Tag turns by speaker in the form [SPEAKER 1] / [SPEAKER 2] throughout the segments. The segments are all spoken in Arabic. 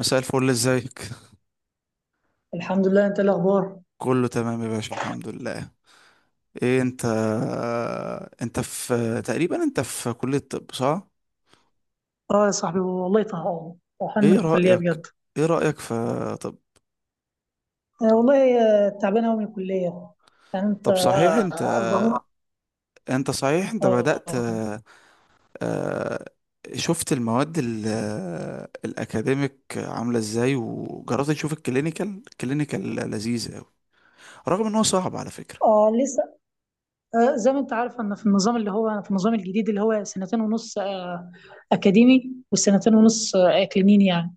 [SPEAKER 1] مساء الفل، ازيك؟
[SPEAKER 2] الحمد لله. انت إيه الاخبار؟
[SPEAKER 1] كله تمام يا باشا، الحمد لله. ايه انت في تقريبا، انت في كلية طب صح؟
[SPEAKER 2] اه يا صاحبي والله طهقان من
[SPEAKER 1] ايه
[SPEAKER 2] الكليه
[SPEAKER 1] رأيك
[SPEAKER 2] بجد.
[SPEAKER 1] ايه رأيك في طب
[SPEAKER 2] آه والله آه، تعبان قوي من الكليه. يعني انت
[SPEAKER 1] طب صحيح انت
[SPEAKER 2] الضغط
[SPEAKER 1] انت صحيح انت بدأت،
[SPEAKER 2] آه,
[SPEAKER 1] آه، شفت المواد الاكاديميك عاملة ازاي؟ وجربت تشوف الكلينيكال؟ الكلينيكال لذيذ قوي رغم ان هو صعب على فكرة.
[SPEAKER 2] اه لسه. آه، زي ما انت عارف، انا في النظام اللي هو، في النظام الجديد اللي هو سنتين ونص اكاديمي، وسنتين ونص اكلينيني، يعني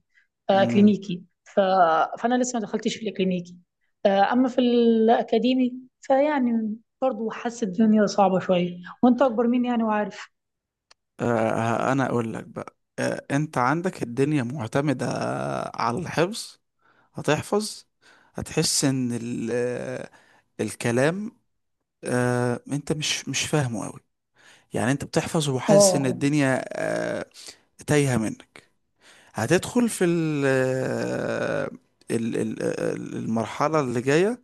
[SPEAKER 2] آه
[SPEAKER 1] امم
[SPEAKER 2] كلينيكي فانا لسه ما دخلتش في الاكلينيكي. آه، اما في الاكاديمي فيعني برضه حاسس الدنيا صعبه شويه، وانت اكبر مني يعني وعارف.
[SPEAKER 1] انا اقول لك بقى، انت عندك الدنيا معتمدة على الحفظ. هتحفظ، هتحس ان الكلام انت مش فاهمه قوي. يعني انت بتحفظ وحاسس ان
[SPEAKER 2] اه.
[SPEAKER 1] الدنيا تايهه منك. هتدخل في ال آه، ال- ال- ال- المرحله اللي جايه،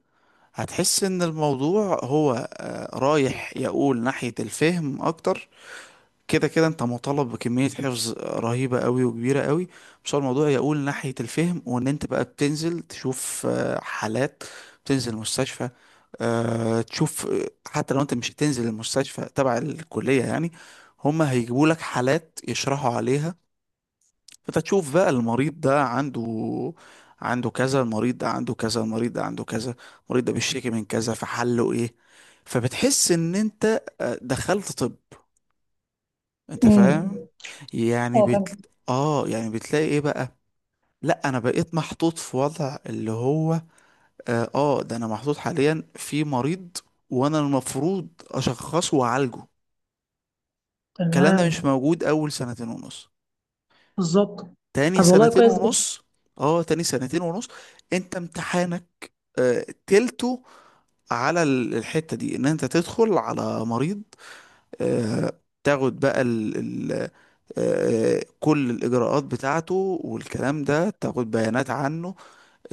[SPEAKER 1] هتحس ان الموضوع هو رايح يقول ناحيه الفهم اكتر. كده كده انت مطالب بكمية حفظ رهيبة قوي وكبيرة قوي، بس هو الموضوع يقول ناحية الفهم، وان انت بقى بتنزل تشوف حالات، بتنزل مستشفى، تشوف، حتى لو انت مش هتنزل المستشفى تبع الكلية يعني، هما هيجيبوا لك حالات يشرحوا عليها. فانت تشوف بقى المريض ده عنده كذا، المريض ده عنده كذا، المريض ده عنده كذا، المريض ده بيشتكي من كذا، فحله ايه. فبتحس ان انت دخلت طب. انت
[SPEAKER 2] امم.
[SPEAKER 1] فاهم؟ يعني
[SPEAKER 2] اه فاهم.
[SPEAKER 1] بت... اه يعني بتلاقي ايه بقى. لا انا بقيت محطوط في وضع اللي هو ده، انا محطوط حاليا في مريض وانا المفروض اشخصه واعالجه. الكلام ده مش
[SPEAKER 2] تمام.
[SPEAKER 1] موجود اول 2 سنين ونص،
[SPEAKER 2] بالظبط.
[SPEAKER 1] تاني
[SPEAKER 2] طب والله
[SPEAKER 1] سنتين
[SPEAKER 2] كويس جدا.
[SPEAKER 1] ونص اه تاني 2 سنين ونص انت امتحانك آه تلته على الحتة دي، ان انت تدخل على مريض، آه، تاخد بقى ال ال آه، آه، كل الإجراءات بتاعته والكلام ده، تاخد بيانات عنه،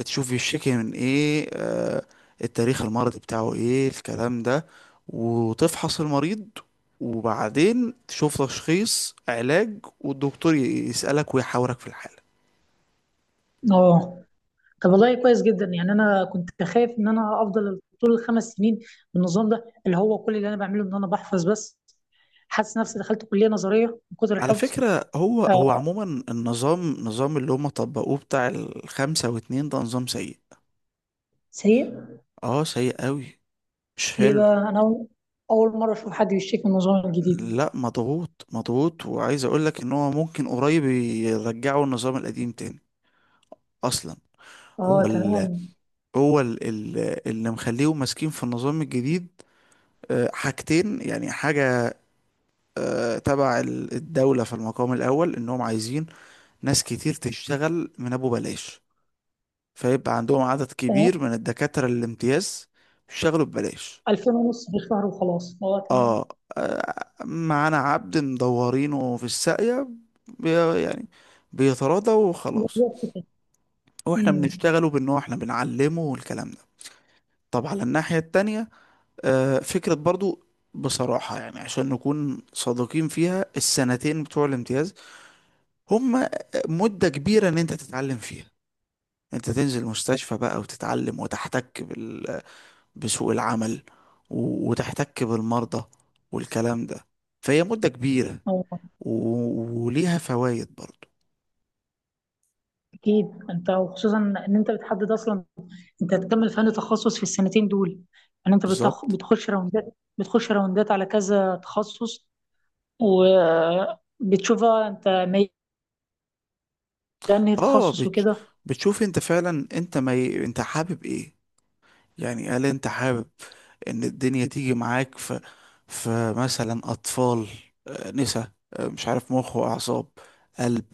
[SPEAKER 1] تشوف يشتكي من إيه، التاريخ المرضي بتاعه إيه، الكلام ده، وتفحص المريض، وبعدين تشوف تشخيص علاج، والدكتور يسألك ويحاورك في الحالة.
[SPEAKER 2] اه، طب والله كويس جدا، يعني انا كنت خايف ان انا افضل طول الخمس سنين بالنظام ده، اللي هو كل اللي انا بعمله ان انا بحفظ بس، حاسس نفسي دخلت كليه نظريه من كتر
[SPEAKER 1] على
[SPEAKER 2] الحفظ.
[SPEAKER 1] فكرة هو هو
[SPEAKER 2] آه.
[SPEAKER 1] عموما النظام، نظام اللي هم طبقوه بتاع الـ 5 و 2 ده نظام سيء.
[SPEAKER 2] سيء.
[SPEAKER 1] اه سيء قوي، مش
[SPEAKER 2] ليه
[SPEAKER 1] حلو.
[SPEAKER 2] بقى؟ انا أول مره اشوف حد بيشتكي من النظام الجديد.
[SPEAKER 1] لا مضغوط مضغوط، وعايز اقول لك ان هو ممكن قريب يرجعوا النظام القديم تاني اصلا. هو
[SPEAKER 2] اه
[SPEAKER 1] ال
[SPEAKER 2] تمام.
[SPEAKER 1] هو ال ال اللي مخليهم ماسكين في النظام الجديد حاجتين، يعني حاجة تبع الدولة، في المقام الأول إنهم عايزين ناس كتير تشتغل من أبو بلاش، فيبقى عندهم عدد
[SPEAKER 2] تمام.
[SPEAKER 1] كبير من الدكاترة الامتياز يشتغلوا ببلاش.
[SPEAKER 2] 2000 ونص في الشهر وخلاص، اه تمام.
[SPEAKER 1] اه معانا عبد مدورينه في الساقية، بي يعني بيتراضى وخلاص،
[SPEAKER 2] بالظبط كده.
[SPEAKER 1] واحنا
[SPEAKER 2] امم.
[SPEAKER 1] بنشتغله بان هو احنا بنعلمه والكلام ده. طب على الناحية التانية، فكرة برضو، بصراحة يعني عشان نكون صادقين فيها، السنتين بتوع الامتياز هم مدة كبيرة ان انت تتعلم فيها، انت تنزل مستشفى بقى وتتعلم، وتحتك بسوق العمل، وتحتك بالمرضى والكلام ده. فهي مدة كبيرة،
[SPEAKER 2] اه
[SPEAKER 1] وليها فوائد برضو.
[SPEAKER 2] اكيد، انت وخصوصا ان انت بتحدد اصلا انت هتكمل فن تخصص في السنتين دول. يعني انت
[SPEAKER 1] بالظبط.
[SPEAKER 2] بتخش راوندات، بتخش راوندات على كذا تخصص، وبتشوفها انت ميال لانهي
[SPEAKER 1] اه
[SPEAKER 2] تخصص
[SPEAKER 1] بتش...
[SPEAKER 2] وكده.
[SPEAKER 1] بتشوف انت فعلا انت ما ي... انت حابب ايه. يعني هل انت حابب ان الدنيا تيجي معاك في، في مثلا اطفال، نسا، مش عارف، مخ واعصاب، قلب،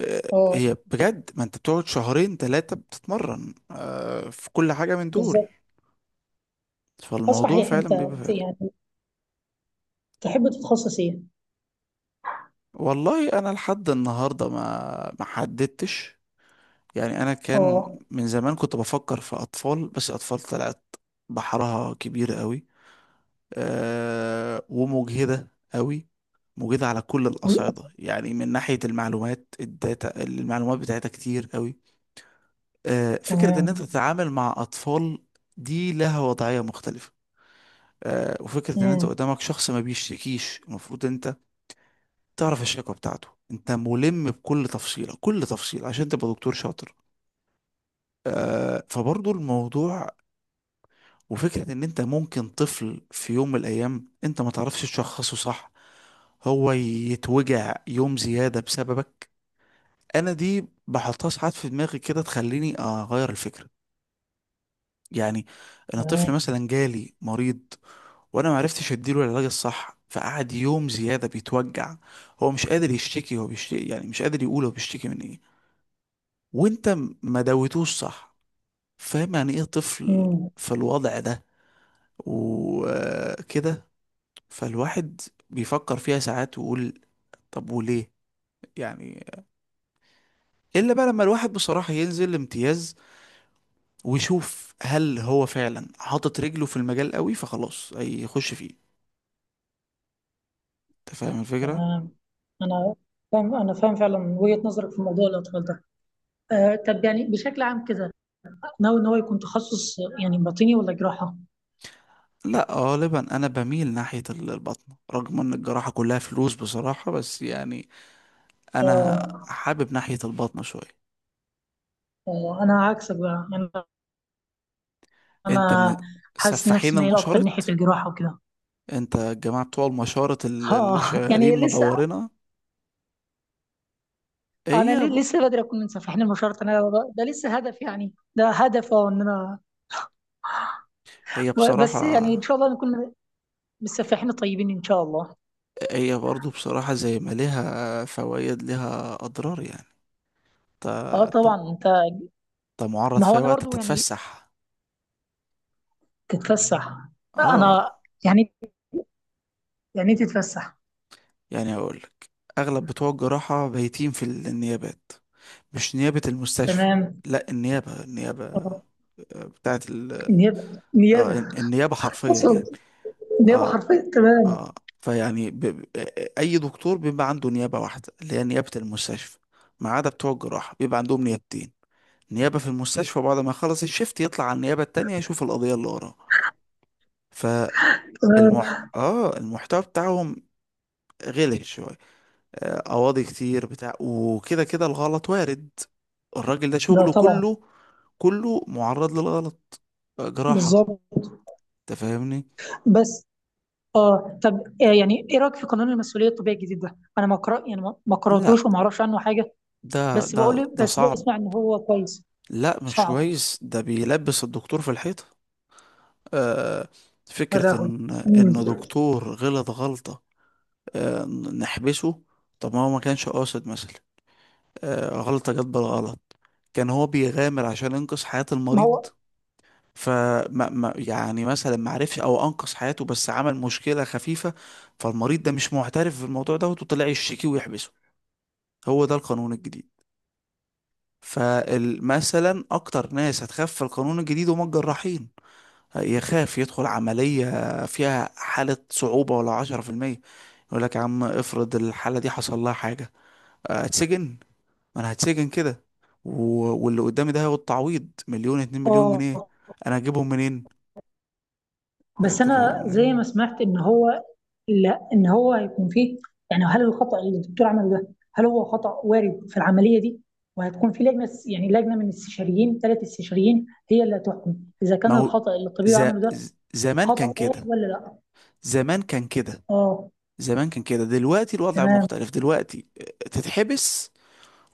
[SPEAKER 2] اه
[SPEAKER 1] هي بجد ما انت بتقعد 2 3 شهور بتتمرن في كل حاجة من دول.
[SPEAKER 2] بالظبط. اه
[SPEAKER 1] فالموضوع
[SPEAKER 2] صحيح انت
[SPEAKER 1] فعلا بيبقى فارق.
[SPEAKER 2] يعني تحب تتخصص ايه؟
[SPEAKER 1] والله انا لحد النهاردة ما حددتش، يعني انا كان
[SPEAKER 2] اه
[SPEAKER 1] من زمان كنت بفكر في اطفال، بس اطفال طلعت بحرها كبير قوي، أه، ومجهدة قوي، مجهدة على كل
[SPEAKER 2] و-
[SPEAKER 1] الأصعدة يعني، من ناحية المعلومات، الداتا، المعلومات بتاعتها كتير قوي. أه فكرة ان انت
[SPEAKER 2] تمام.
[SPEAKER 1] تتعامل مع اطفال دي لها وضعية مختلفة. أه وفكرة ان انت
[SPEAKER 2] امم.
[SPEAKER 1] قدامك شخص ما بيشتكيش، المفروض انت تعرف الشكوى بتاعته، انت ملم بكل تفصيلة، كل تفصيلة عشان تبقى دكتور شاطر. فبرضو الموضوع، وفكرة ان انت ممكن طفل في يوم من الايام انت ما تعرفش تشخصه صح، هو يتوجع يوم زيادة بسببك. انا دي بحطها ساعات في دماغي كده تخليني اغير الفكرة. يعني انا طفل
[SPEAKER 2] تمام.
[SPEAKER 1] مثلا جالي مريض، وانا ما عرفتش اديله العلاج الصح، فقعد يوم زيادة بيتوجع، هو مش قادر يشتكي، هو بيشتكي يعني مش قادر يقول هو بيشتكي من ايه، وانت ما دويتوش صح. فاهم يعني ايه طفل
[SPEAKER 2] امم.
[SPEAKER 1] في الوضع ده وكده. فالواحد بيفكر فيها ساعات ويقول طب وليه. يعني الا بقى لما الواحد بصراحة ينزل امتياز ويشوف هل هو فعلا حاطط رجله في المجال قوي، فخلاص هيخش فيه. انت فاهم الفكرة.
[SPEAKER 2] تمام. انا انا فاهم فعلا وجهة نظرك في موضوع الاطفال ده. آه طب، يعني بشكل عام كده، ناوي ان هو يكون تخصص يعني باطني ولا جراحة؟
[SPEAKER 1] لا غالبا انا بميل ناحية البطنة، رغم ان الجراحة كلها فلوس بصراحة، بس يعني انا
[SPEAKER 2] اه.
[SPEAKER 1] حابب ناحية البطنة شوية.
[SPEAKER 2] آه، انا عكسك بقى يعني.
[SPEAKER 1] انت من
[SPEAKER 2] انا حاسس نفسي
[SPEAKER 1] سفاحين
[SPEAKER 2] مايل اكتر ناحيه
[SPEAKER 1] المشارط،
[SPEAKER 2] الجراحه وكده.
[SPEAKER 1] انت الجماعة بتوع المشارط اللي
[SPEAKER 2] اه
[SPEAKER 1] شغالين
[SPEAKER 2] يعني لسه،
[SPEAKER 1] مدورنا.
[SPEAKER 2] انا
[SPEAKER 1] هي ب...
[SPEAKER 2] لسه بدري اكون منسف، احنا مش شرط، ده لسه هدف، يعني ده هدف، اه، ان انا
[SPEAKER 1] هي
[SPEAKER 2] و-
[SPEAKER 1] بصراحة،
[SPEAKER 2] بس يعني ان شاء الله نكون بالسفاحين طيبين ان شاء الله.
[SPEAKER 1] هي برضو بصراحة زي ما ليها فوائد ليها أضرار يعني. انت
[SPEAKER 2] اه طبعا.
[SPEAKER 1] انت
[SPEAKER 2] انت،
[SPEAKER 1] انت معرض
[SPEAKER 2] ما
[SPEAKER 1] في
[SPEAKER 2] هو
[SPEAKER 1] أي
[SPEAKER 2] انا
[SPEAKER 1] وقت
[SPEAKER 2] برضو يعني.
[SPEAKER 1] تتفسح.
[SPEAKER 2] تتفسح؟
[SPEAKER 1] اه
[SPEAKER 2] انا يعني، يعني إيه تتفسح؟
[SPEAKER 1] يعني أقولك، أغلب بتوع الجراحة بايتين في النيابات، مش نيابة المستشفى.
[SPEAKER 2] تمام.
[SPEAKER 1] لا النيابة، النيابة،
[SPEAKER 2] آه،
[SPEAKER 1] بتاعت
[SPEAKER 2] نيابه نيابه
[SPEAKER 1] آه النيابة حرفيا
[SPEAKER 2] اصلا،
[SPEAKER 1] يعني.
[SPEAKER 2] نيابه
[SPEAKER 1] اه
[SPEAKER 2] حرفيا، تمام.
[SPEAKER 1] اه فيعني ب... ب- أي دكتور بيبقى عنده نيابة واحدة، اللي هي نيابة المستشفى، ما عدا بتوع الجراحة بيبقى عندهم نيابتين، نيابة في المستشفى بعد ما يخلص الشيفت يطلع على النيابة التانية يشوف القضية اللي وراه. فالمح
[SPEAKER 2] تمام.
[SPEAKER 1] اه المحتوى بتاعهم غلط شوية، قواضي كتير بتاع وكده كده الغلط وارد، الراجل ده
[SPEAKER 2] ده
[SPEAKER 1] شغله
[SPEAKER 2] طبعا.
[SPEAKER 1] كله، كله معرض للغلط، جراحة.
[SPEAKER 2] بالظبط.
[SPEAKER 1] انت فاهمني.
[SPEAKER 2] بس اه طب، آه، يعني ايه رايك في قانون المسؤوليه الطبيه الجديد ده؟ انا ما قرأ، يعني ما
[SPEAKER 1] لا
[SPEAKER 2] قراتوش وما اعرفش عنه حاجه،
[SPEAKER 1] ده
[SPEAKER 2] بس
[SPEAKER 1] ده
[SPEAKER 2] بقول
[SPEAKER 1] ده
[SPEAKER 2] بس
[SPEAKER 1] صعب.
[SPEAKER 2] بسمع ان هو كويس.
[SPEAKER 1] لا مش
[SPEAKER 2] صعب.
[SPEAKER 1] كويس، ده بيلبس الدكتور في الحيطة. آه
[SPEAKER 2] ولا
[SPEAKER 1] فكرة
[SPEAKER 2] هو.
[SPEAKER 1] ان،
[SPEAKER 2] مم.
[SPEAKER 1] ان دكتور غلط غلطة، آه، نحبسه. طب ما هو ما كانش قاصد مثلا، غلطة جت بالغلط، كان هو بيغامر عشان ينقذ حياة
[SPEAKER 2] ما
[SPEAKER 1] المريض،
[SPEAKER 2] هو.
[SPEAKER 1] فما ما يعني مثلا ما عرفش او انقذ حياته بس عمل مشكلة خفيفة، فالمريض ده مش معترف بالموضوع ده وطلع يشتكي ويحبسه. هو ده القانون الجديد. فمثلا اكتر ناس هتخاف في القانون الجديد هم الجراحين، يخاف يدخل عملية فيها حالة صعوبة ولا 10%، يقول لك يا عم افرض الحالة دي حصل لها حاجة، اتسجن، ما انا هتسجن كده، و... واللي قدامي ده هياخد تعويض مليون اتنين مليون
[SPEAKER 2] اه
[SPEAKER 1] جنيه انا هجيبهم منين.
[SPEAKER 2] بس
[SPEAKER 1] انت
[SPEAKER 2] انا زي ما
[SPEAKER 1] فاهم.
[SPEAKER 2] سمعت ان هو، لا ان هو هيكون فيه، يعني هل الخطأ اللي الدكتور عمله ده، هل هو خطأ وارد في العمليه دي؟ وهتكون في لجنه، يعني لجنه من استشاريين، ثلاث استشاريين هي اللي هتحكم اذا
[SPEAKER 1] ما
[SPEAKER 2] كان
[SPEAKER 1] هو
[SPEAKER 2] الخطأ اللي الطبيب
[SPEAKER 1] ز...
[SPEAKER 2] عمله ده
[SPEAKER 1] زمان كان
[SPEAKER 2] خطأ وارد
[SPEAKER 1] كده،
[SPEAKER 2] ولا لا.
[SPEAKER 1] زمان كان كده
[SPEAKER 2] اه
[SPEAKER 1] زمان كان كده، دلوقتي الوضع
[SPEAKER 2] تمام.
[SPEAKER 1] مختلف. دلوقتي تتحبس،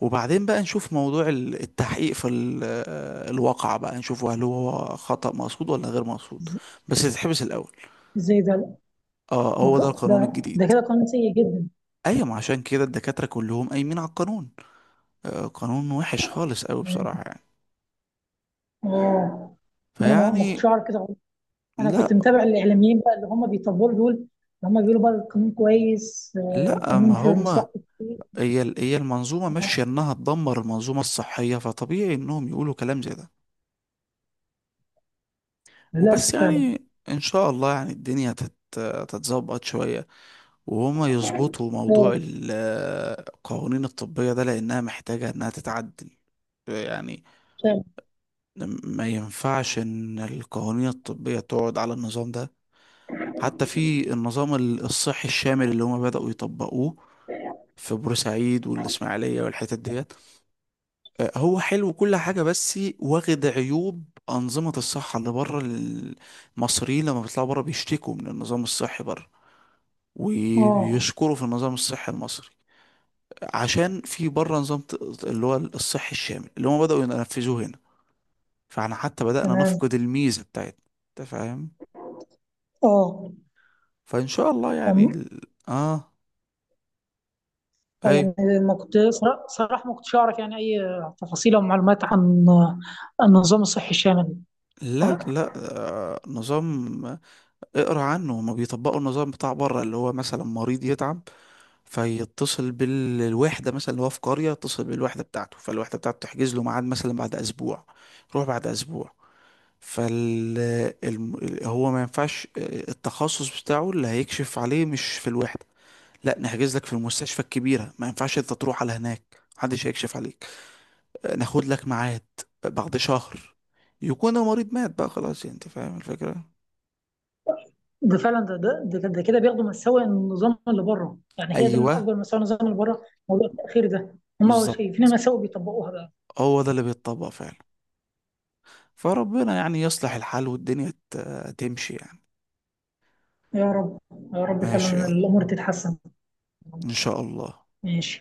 [SPEAKER 1] وبعدين بقى نشوف موضوع التحقيق في الواقع بقى، نشوف هل هو خطأ مقصود ولا غير مقصود.
[SPEAKER 2] ز-
[SPEAKER 1] بس تتحبس الأول.
[SPEAKER 2] زي ده.
[SPEAKER 1] اه هو ده القانون
[SPEAKER 2] ده
[SPEAKER 1] الجديد.
[SPEAKER 2] كده قانون سيء جدا.
[SPEAKER 1] ايوه، ما عشان كده الدكاترة كلهم قايمين على القانون، قانون وحش خالص قوي بصراحة يعني.
[SPEAKER 2] اه انا ما كنتش
[SPEAKER 1] فيعني
[SPEAKER 2] اعرف كده خالص. انا كنت
[SPEAKER 1] لا
[SPEAKER 2] متابع الاعلاميين بقى اللي هم بيطبلوا دول، اللي هم بيقولوا بقى القانون كويس، آه،
[SPEAKER 1] لا ما
[SPEAKER 2] القانون في
[SPEAKER 1] هما،
[SPEAKER 2] مصلحه الكتير.
[SPEAKER 1] هي المنظومة ماشية
[SPEAKER 2] آه،
[SPEAKER 1] انها تدمر المنظومة الصحية، فطبيعي انهم يقولوا كلام زي ده. وبس
[SPEAKER 2] للاسف فعلا.
[SPEAKER 1] يعني ان شاء الله يعني الدنيا تتظبط شوية، وهما يظبطوا موضوع
[SPEAKER 2] اه
[SPEAKER 1] القوانين الطبية ده، لأنها محتاجة إنها تتعدل يعني.
[SPEAKER 2] فعلا.
[SPEAKER 1] ما ينفعش إن القوانين الطبية تقعد على النظام ده، حتى في النظام الصحي الشامل اللي هما بدأوا يطبقوه في بورسعيد والإسماعيلية والحتت ديت، هو حلو كل حاجة بس واخد عيوب أنظمة الصحة اللي بره. المصريين لما بيطلعوا بره بيشتكوا من النظام الصحي بره،
[SPEAKER 2] اه
[SPEAKER 1] وبيشكروا في النظام الصحي المصري، عشان في بره نظام اللي هو الصحي الشامل اللي هم بدأوا ينفذوه هنا، فاحنا حتى بدأنا
[SPEAKER 2] تمام.
[SPEAKER 1] نفقد الميزة بتاعتنا. انت فاهم.
[SPEAKER 2] اه.
[SPEAKER 1] فإن شاء الله يعني
[SPEAKER 2] أم-
[SPEAKER 1] ال- اه اي
[SPEAKER 2] يعني ما كنت صراحه ما كنتش اعرف يعني اي تفاصيل او معلومات عن، عن النظام الصحي الشامل.
[SPEAKER 1] لا لا آه نظام، اقرا عنه، هما بيطبقوا النظام بتاع بره، اللي هو مثلا مريض يتعب فيتصل بالوحدة مثلا اللي هو في قرية، يتصل بالوحدة بتاعته فالوحدة بتاعته تحجز له ميعاد مثلا بعد أسبوع، روح بعد أسبوع. فال هو ما ينفعش التخصص بتاعه اللي هيكشف عليه مش في الوحدة، لا نحجز لك في المستشفى الكبيرة، ما ينفعش انت تروح على هناك محدش هيكشف عليك، ناخد لك ميعاد بعد شهر، يكون المريض مات بقى خلاص. يعني انت فاهم الفكرة.
[SPEAKER 2] ده فعلا، ده كده بياخدوا مساوئ النظام اللي بره، يعني هي ده من
[SPEAKER 1] ايوه
[SPEAKER 2] اكبر مساوئ النظام اللي بره، موضوع التاخير ده. هم
[SPEAKER 1] بالظبط،
[SPEAKER 2] شايفين مساوئ بيطبقوها بقى.
[SPEAKER 1] هو ده اللي بيتطبق فعلا. فربنا يعني يصلح الحال والدنيا تمشي يعني.
[SPEAKER 2] يا رب. يا رب
[SPEAKER 1] ماشي
[SPEAKER 2] فعلا
[SPEAKER 1] يلا،
[SPEAKER 2] الامور تتحسن.
[SPEAKER 1] إن شاء الله.
[SPEAKER 2] ماشي.